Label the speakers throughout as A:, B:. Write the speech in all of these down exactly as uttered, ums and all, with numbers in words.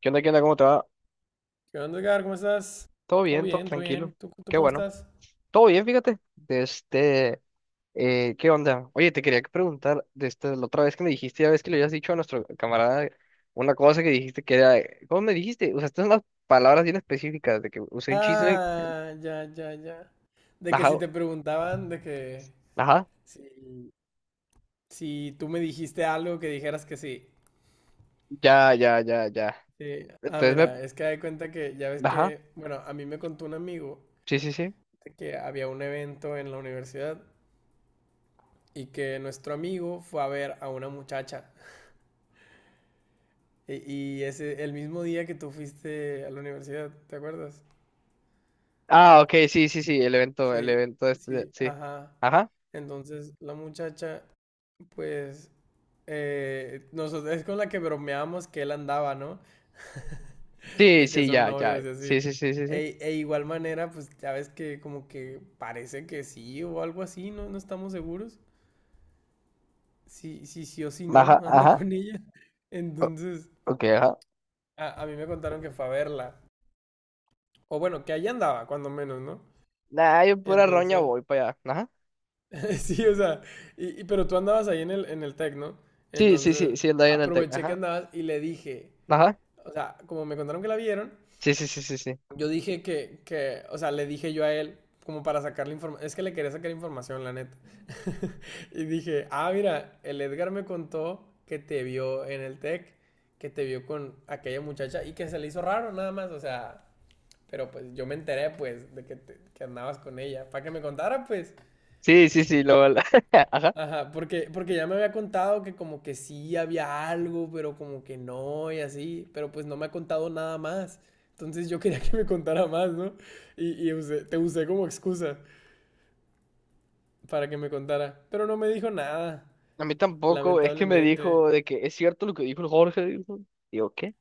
A: ¿Qué onda? ¿Qué onda? ¿Cómo te va?
B: ¿Qué onda, Edgar? ¿Cómo estás?
A: Todo
B: Todo
A: bien, todo
B: bien, todo bien.
A: tranquilo.
B: ¿Tú, tú
A: Qué
B: cómo
A: bueno.
B: estás?
A: Todo bien, fíjate. De este, eh, ¿qué onda? Oye, te quería preguntar, de este, la otra vez que me dijiste, ya ves que le habías dicho a nuestro camarada una cosa que dijiste que era, ¿cómo me dijiste? Usaste unas palabras bien específicas de que usé un chisme.
B: Ah, ya, ya, ya. De que
A: Ajá,
B: si te preguntaban, de que
A: ajá.
B: si, si tú me dijiste algo, que dijeras que sí.
A: Ya, ya, ya, ya.
B: Sí. Ah,
A: Entonces
B: mira, es que de cuenta que ya ves
A: me, ajá.
B: que, bueno, a mí me contó un amigo
A: Sí, sí, sí.
B: de que había un evento en la universidad y que nuestro amigo fue a ver a una muchacha. Y, y ese, el mismo día que tú fuiste a la universidad, ¿te acuerdas?
A: Ah, ok, sí, sí, sí, el evento, el
B: Sí,
A: evento este,
B: sí,
A: sí.
B: ajá.
A: Ajá.
B: Entonces la muchacha, pues, eh, nosotros, es con la que bromeamos que él andaba, ¿no?
A: Sí,
B: De que
A: sí,
B: son
A: ya, ya.
B: novios y
A: Sí,
B: así.
A: sí, sí, sí, sí.
B: E, e igual manera, pues ya ves que como que parece que sí o algo así, ¿no? No estamos seguros. Si, si sí o si no,
A: Ajá,
B: anda
A: ajá.
B: con ella.
A: O-
B: Entonces,
A: ok, ajá.
B: a, a mí me contaron que fue a verla. O bueno, que allá andaba, cuando menos, ¿no?
A: Nah, yo pura roña
B: Entonces,
A: voy para allá. Ajá.
B: sí, o sea, y, y- pero tú andabas ahí en el, en el Tec, ¿no?
A: Sí, sí, sí,
B: Entonces,
A: sí, el de ahí en el Tec.
B: aproveché que
A: Ajá.
B: andabas y le dije,
A: Ajá.
B: o sea, como me contaron que la vieron,
A: Sí, sí, sí, sí, sí.
B: yo dije que, que, o sea, le dije yo a él, como para sacarle información, es que le quería sacar información, la neta. Y dije, ah, mira, el Edgar me contó que te vio en el Tec, que te vio con aquella muchacha y que se le hizo raro nada más, o sea, pero pues yo me enteré pues de que, te- que andabas con ella, para que me contara pues.
A: Sí, sí, sí, lo ajá.
B: Ajá, porque, porque ya me había contado que como que sí había algo, pero como que no y así, pero pues no me ha contado nada más. Entonces yo quería que me contara más, ¿no? Y, y usé- te usé como excusa para que me contara, pero no me dijo nada,
A: A mí tampoco, es que me
B: lamentablemente.
A: dijo de que es cierto lo que dijo el Jorge, dijo. Digo, ¿qué?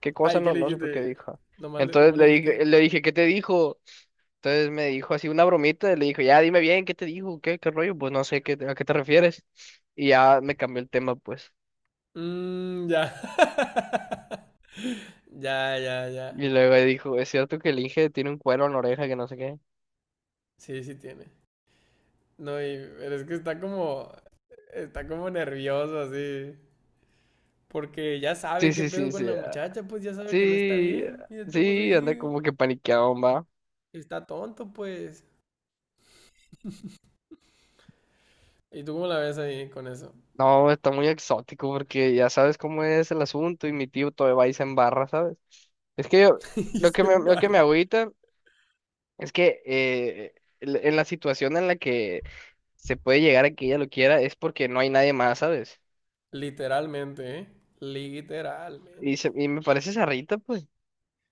A: ¿Qué cosa?
B: Ay, ¿qué
A: No,
B: le
A: no supe qué
B: dijiste?
A: dijo.
B: Nomás le,
A: Entonces
B: nomás le
A: le
B: dijiste que...
A: dije, le dije, ¿qué te dijo? Entonces me dijo así una bromita, y le dijo, ya dime bien, ¿qué te dijo? ¿Qué, qué rollo? Pues no sé qué, a qué te refieres. Y ya me cambió el tema, pues.
B: Mmm, ya. Ya, ya, ya.
A: Y luego dijo, es cierto que el Inge tiene un cuero en la oreja que no sé qué.
B: Sí, sí tiene. No, y pero es que está como... Está como nervioso así. Porque ya
A: Sí,
B: sabe qué
A: sí,
B: pedo
A: sí,
B: con
A: sí.
B: la muchacha, pues ya sabe que no está
A: Sí,
B: bien. Y de todos modos
A: sí,
B: ahí
A: anda
B: sigue.
A: como que paniqueado, va.
B: Está tonto, pues. ¿Y tú cómo la ves ahí con eso?
A: No, está muy exótico porque ya sabes cómo es el asunto y mi tío todavía va y se embarra, ¿sabes? Es que yo,
B: Y
A: lo que
B: se
A: me, lo que me
B: embarra.
A: agüita es que eh, el- en la situación en la que se puede llegar a que ella lo quiera es porque no hay nadie más, ¿sabes?
B: Literalmente, ¿eh?
A: Y,
B: Literalmente.
A: se- y me parece esa Rita, pues.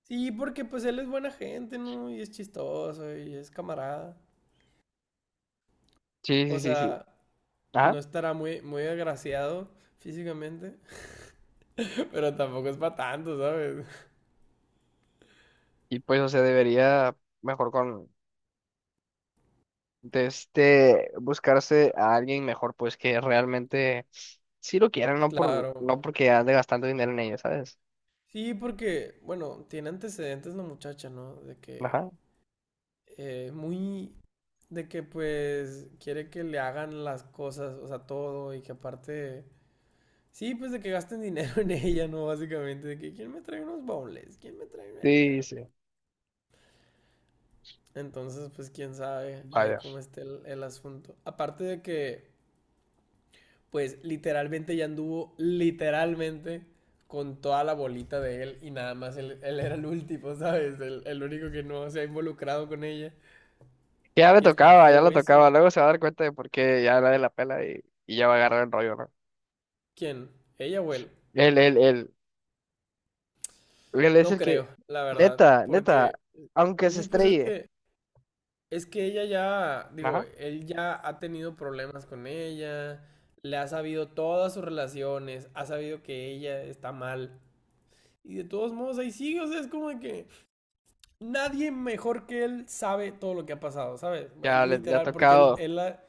B: Sí, porque pues él es buena gente, ¿no? Y es chistoso y es camarada.
A: Sí, sí,
B: O
A: sí, sí.
B: sea,
A: Ajá.
B: no estará muy, muy agraciado físicamente, pero tampoco es para tanto, ¿sabes?
A: Y pues, o sea, debería mejor con... de este buscarse a alguien mejor, pues que realmente sí lo quieran, no por,
B: Claro.
A: no porque ande gastando dinero en ello, ¿sabes?
B: Sí, porque, bueno, tiene antecedentes la muchacha, ¿no? De que
A: Ajá.
B: eh, muy de que pues quiere que le hagan las cosas, o sea, todo y que aparte, sí, pues de que gasten dinero en ella, ¿no? Básicamente, de que quién me trae unos bowls, quién me trae...
A: Sí, sí,
B: Entonces, pues quién sabe ahí
A: vaya.
B: cómo esté el, el asunto. Aparte de que, pues literalmente ya anduvo, literalmente, con toda la bolita de él y nada más él, él era el último, ¿sabes? El, el único que no se ha involucrado con ella.
A: Ya le
B: Y está
A: tocaba, ya
B: feo
A: lo tocaba.
B: eso.
A: Luego se va a dar cuenta de por qué ya la de la pela y, y ya va a agarrar el rollo, ¿no?
B: ¿Quién? ¿Ella o él?
A: Él, él, él, él es
B: No
A: el que,
B: creo, la verdad,
A: neta, neta,
B: porque,
A: aunque se
B: y pues es
A: estrelle,
B: que, es que ella ya, digo,
A: ajá,
B: él ya ha tenido problemas con ella, le ha sabido todas sus relaciones, ha sabido que ella está mal, y de todos modos ahí sigue, o sea, es como de que nadie mejor que él sabe todo lo que ha pasado, ¿sabes?
A: ya
B: Él,
A: le, le ha
B: literal, porque
A: tocado,
B: él, él la,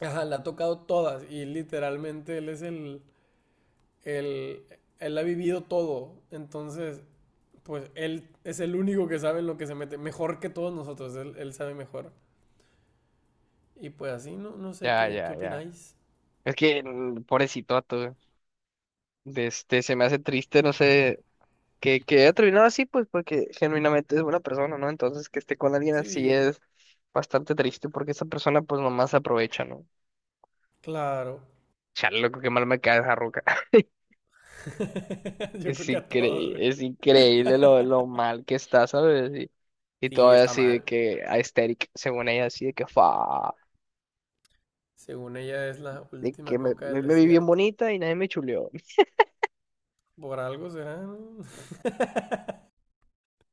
B: ajá, la ha tocado todas, y literalmente él es el, el, él ha vivido todo, entonces pues él es el único que sabe en lo que se mete, mejor que todos nosotros, él, él sabe mejor. Y pues así, no, no sé
A: ya,
B: qué, qué
A: ya, ya.
B: opináis.
A: Es que, mm, pobrecito, tú, de este, se me hace triste, no sé, que, que haya terminado así, pues porque genuinamente es buena persona, ¿no? Entonces que esté con alguien así
B: Sí,
A: es bastante triste porque esa persona pues nomás se aprovecha, ¿no?
B: claro.
A: Chale, loco, qué mal me cae esa roca.
B: Yo
A: Es
B: creo que a todos, güey.
A: increíble, es increíble lo, lo mal que está, ¿sabes? Y, y
B: Sí,
A: todavía
B: está
A: así de
B: mal.
A: que a Aesthetic, según ella, así de que fa,
B: Según ella es la
A: de que
B: última
A: me,
B: coca
A: me,
B: del
A: me vi bien
B: desierto.
A: bonita y nadie me chuleó.
B: Por algo será, ¿no?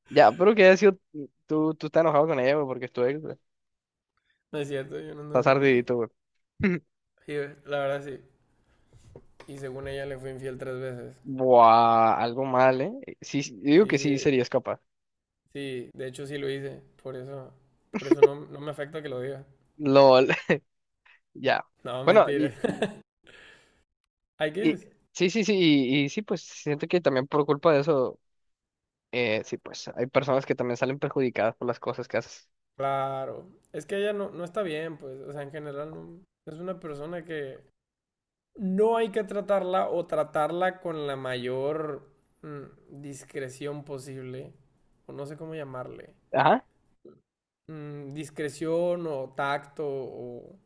A: Ya, pero que haya sido, tú, tú estás enojado con ella, güey, porque es tu ex, güey.
B: No es cierto, yo no anduve
A: Estás
B: con nadie.
A: ardidito, güey.
B: Sí, la verdad sí. Y según ella le fui infiel tres veces.
A: Buah, algo mal, ¿eh? Sí, sí, digo que sí
B: Sí,
A: serías capaz.
B: sí, de hecho sí lo hice. Por eso, por eso no, no me afecta que lo diga.
A: LOL, ya.
B: No,
A: Bueno,
B: mentira.
A: y,
B: Hay
A: y-
B: crisis.
A: sí, sí, sí, y, y sí, pues siento que también por culpa de eso, eh, sí, pues hay personas que también salen perjudicadas por las cosas que haces.
B: Claro. Es que ella no, no está bien, pues. O sea, en general no, es una persona que no hay que tratarla o tratarla con la mayor mm, discreción posible. O no sé cómo llamarle.
A: Ajá.
B: Mm, discreción o tacto o...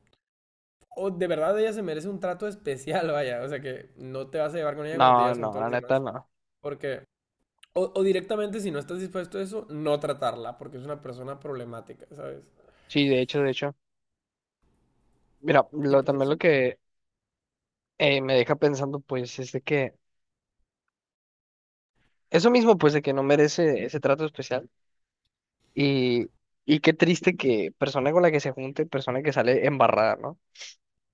B: O de verdad ella se merece un trato especial, vaya. O sea que no te vas a llevar con ella como te
A: No,
B: llevas
A: no,
B: con todos
A: la
B: los
A: neta,
B: demás.
A: no.
B: Porque... O, o directamente, si no estás dispuesto a eso, no tratarla, porque es una persona problemática, ¿sabes?
A: Sí, de hecho, de hecho. Mira,
B: Y
A: lo,
B: pues
A: también lo
B: así.
A: que eh, me deja pensando, pues, es de que eso mismo, pues, de que no merece ese trato especial. Y, y qué triste que persona con la que se junte, persona que sale embarrada, ¿no?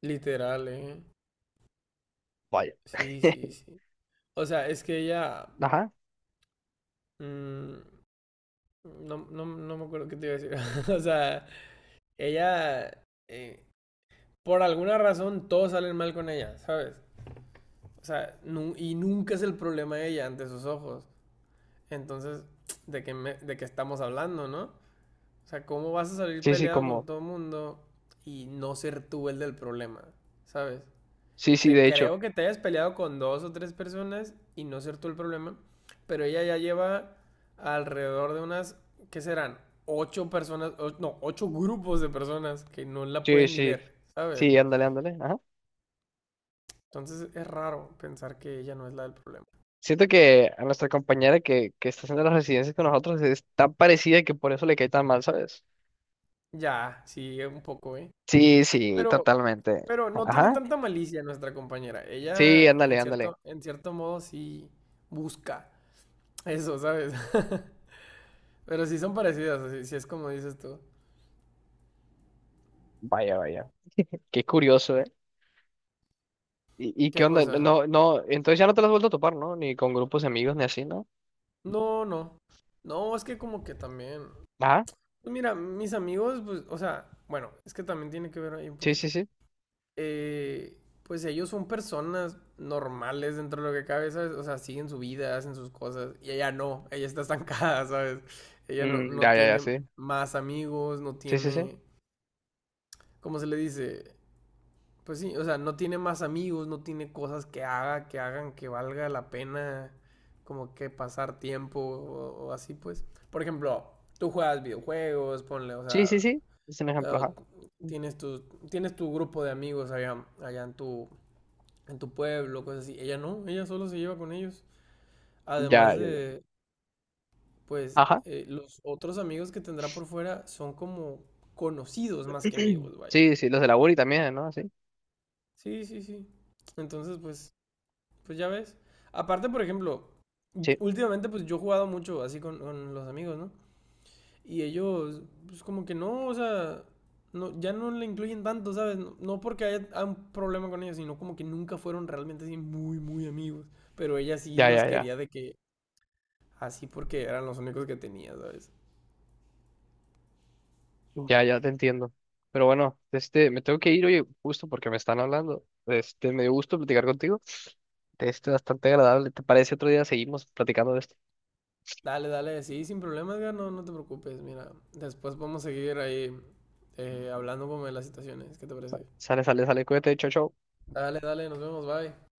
B: Literal, ¿eh?
A: Vaya.
B: Sí, sí, sí. O sea, es que ella...
A: Ajá.
B: mm, no, no, no me acuerdo qué te iba a decir. O sea, ella... eh, por alguna razón todos salen mal con ella, ¿sabes? O sea, nu- y nunca es el problema de ella ante sus ojos. Entonces, ¿de qué, me- de qué estamos hablando, no? O sea, ¿cómo vas a salir
A: Sí, sí,
B: peleado con
A: como.
B: todo el mundo y no ser tú el del problema? ¿Sabes?
A: Sí, sí,
B: Te
A: de hecho.
B: creo que te hayas peleado con dos o tres personas y no ser tú el problema, pero ella ya lleva alrededor de unas, ¿qué serán? Ocho personas, o- no, ocho grupos de personas que no la
A: Sí,
B: pueden ni
A: sí.
B: ver, ¿sabes?
A: Sí, ándale, ándale. Ajá.
B: Entonces es raro pensar que ella no es la del problema.
A: Siento que a nuestra compañera que, que está haciendo las residencias con nosotros es tan parecida que por eso le cae tan mal, ¿sabes?
B: Ya, sí, un poco, ¿eh?
A: Sí, sí,
B: Pero,
A: totalmente.
B: pero no tiene
A: Ajá.
B: tanta malicia nuestra compañera.
A: Sí,
B: Ella,
A: ándale,
B: en
A: ándale.
B: cierto, en cierto modo, sí busca eso, ¿sabes? Pero sí son parecidas, así, sí es como dices tú.
A: Vaya, vaya. Qué curioso, ¿eh? ¿Y, y qué
B: ¿Qué
A: onda?
B: cosa?
A: No, no, entonces ya no te las has vuelto a topar, ¿no? Ni con grupos de amigos ni así, ¿no?
B: No, no. No, es que como que también.
A: Ajá.
B: Pues mira, mis amigos, pues, o sea, bueno, es que también tiene que ver ahí un
A: Sí,
B: poquito.
A: sí, sí.
B: Eh, pues ellos son personas normales dentro de lo que cabe, ¿sabes? O sea, siguen su vida, hacen sus cosas. Y ella no, ella está estancada, ¿sabes? Ella no,
A: Mm,
B: no
A: ya, ya, ya,
B: tiene
A: sí.
B: más amigos, no
A: Sí, sí, sí.
B: tiene, ¿cómo se le dice? Pues sí, o sea, no tiene más amigos, no tiene cosas que haga, que hagan que valga la pena como que pasar tiempo o, o así, pues. Por ejemplo, tú juegas videojuegos, ponle, o
A: Sí, sí,
B: sea,
A: sí. Es un ejemplo,
B: eh,
A: ajá.
B: tienes tu, tienes tu grupo de amigos allá, allá en tu, en tu pueblo, cosas así. Ella no, ella solo se lleva con ellos. Además
A: Ya, ya, ya.
B: de, pues,
A: Ajá.
B: eh, los otros amigos que tendrá por fuera son como conocidos más que amigos, vaya.
A: Sí, sí, los de la uni también, ¿no? Sí.
B: Sí, sí, sí. Entonces, pues, pues ya ves. Aparte, por ejemplo,
A: Sí.
B: últimamente pues yo he jugado mucho así con, con los amigos, ¿no? Y ellos, pues como que no, o sea, no, ya no le incluyen tanto, ¿sabes? No, no porque haya haya un problema con ellos, sino como que nunca fueron realmente así muy, muy amigos. Pero ella sí
A: Ya,
B: los
A: ya, ya.
B: quería de que así porque eran los únicos que tenía, ¿sabes?
A: Ya, ya te entiendo. Pero bueno, este, me tengo que ir, oye, justo porque me están hablando. Este, me dio gusto platicar contigo. Este, bastante agradable. ¿Te parece otro día seguimos platicando de esto?
B: Dale, dale, sí, sin problema, Edgar, no, no te preocupes, mira. Después podemos seguir ahí eh, hablando como de las situaciones, ¿qué te parece?
A: Sale, sale, sale, cuídate, chao, chao.
B: Dale, dale, nos vemos, bye.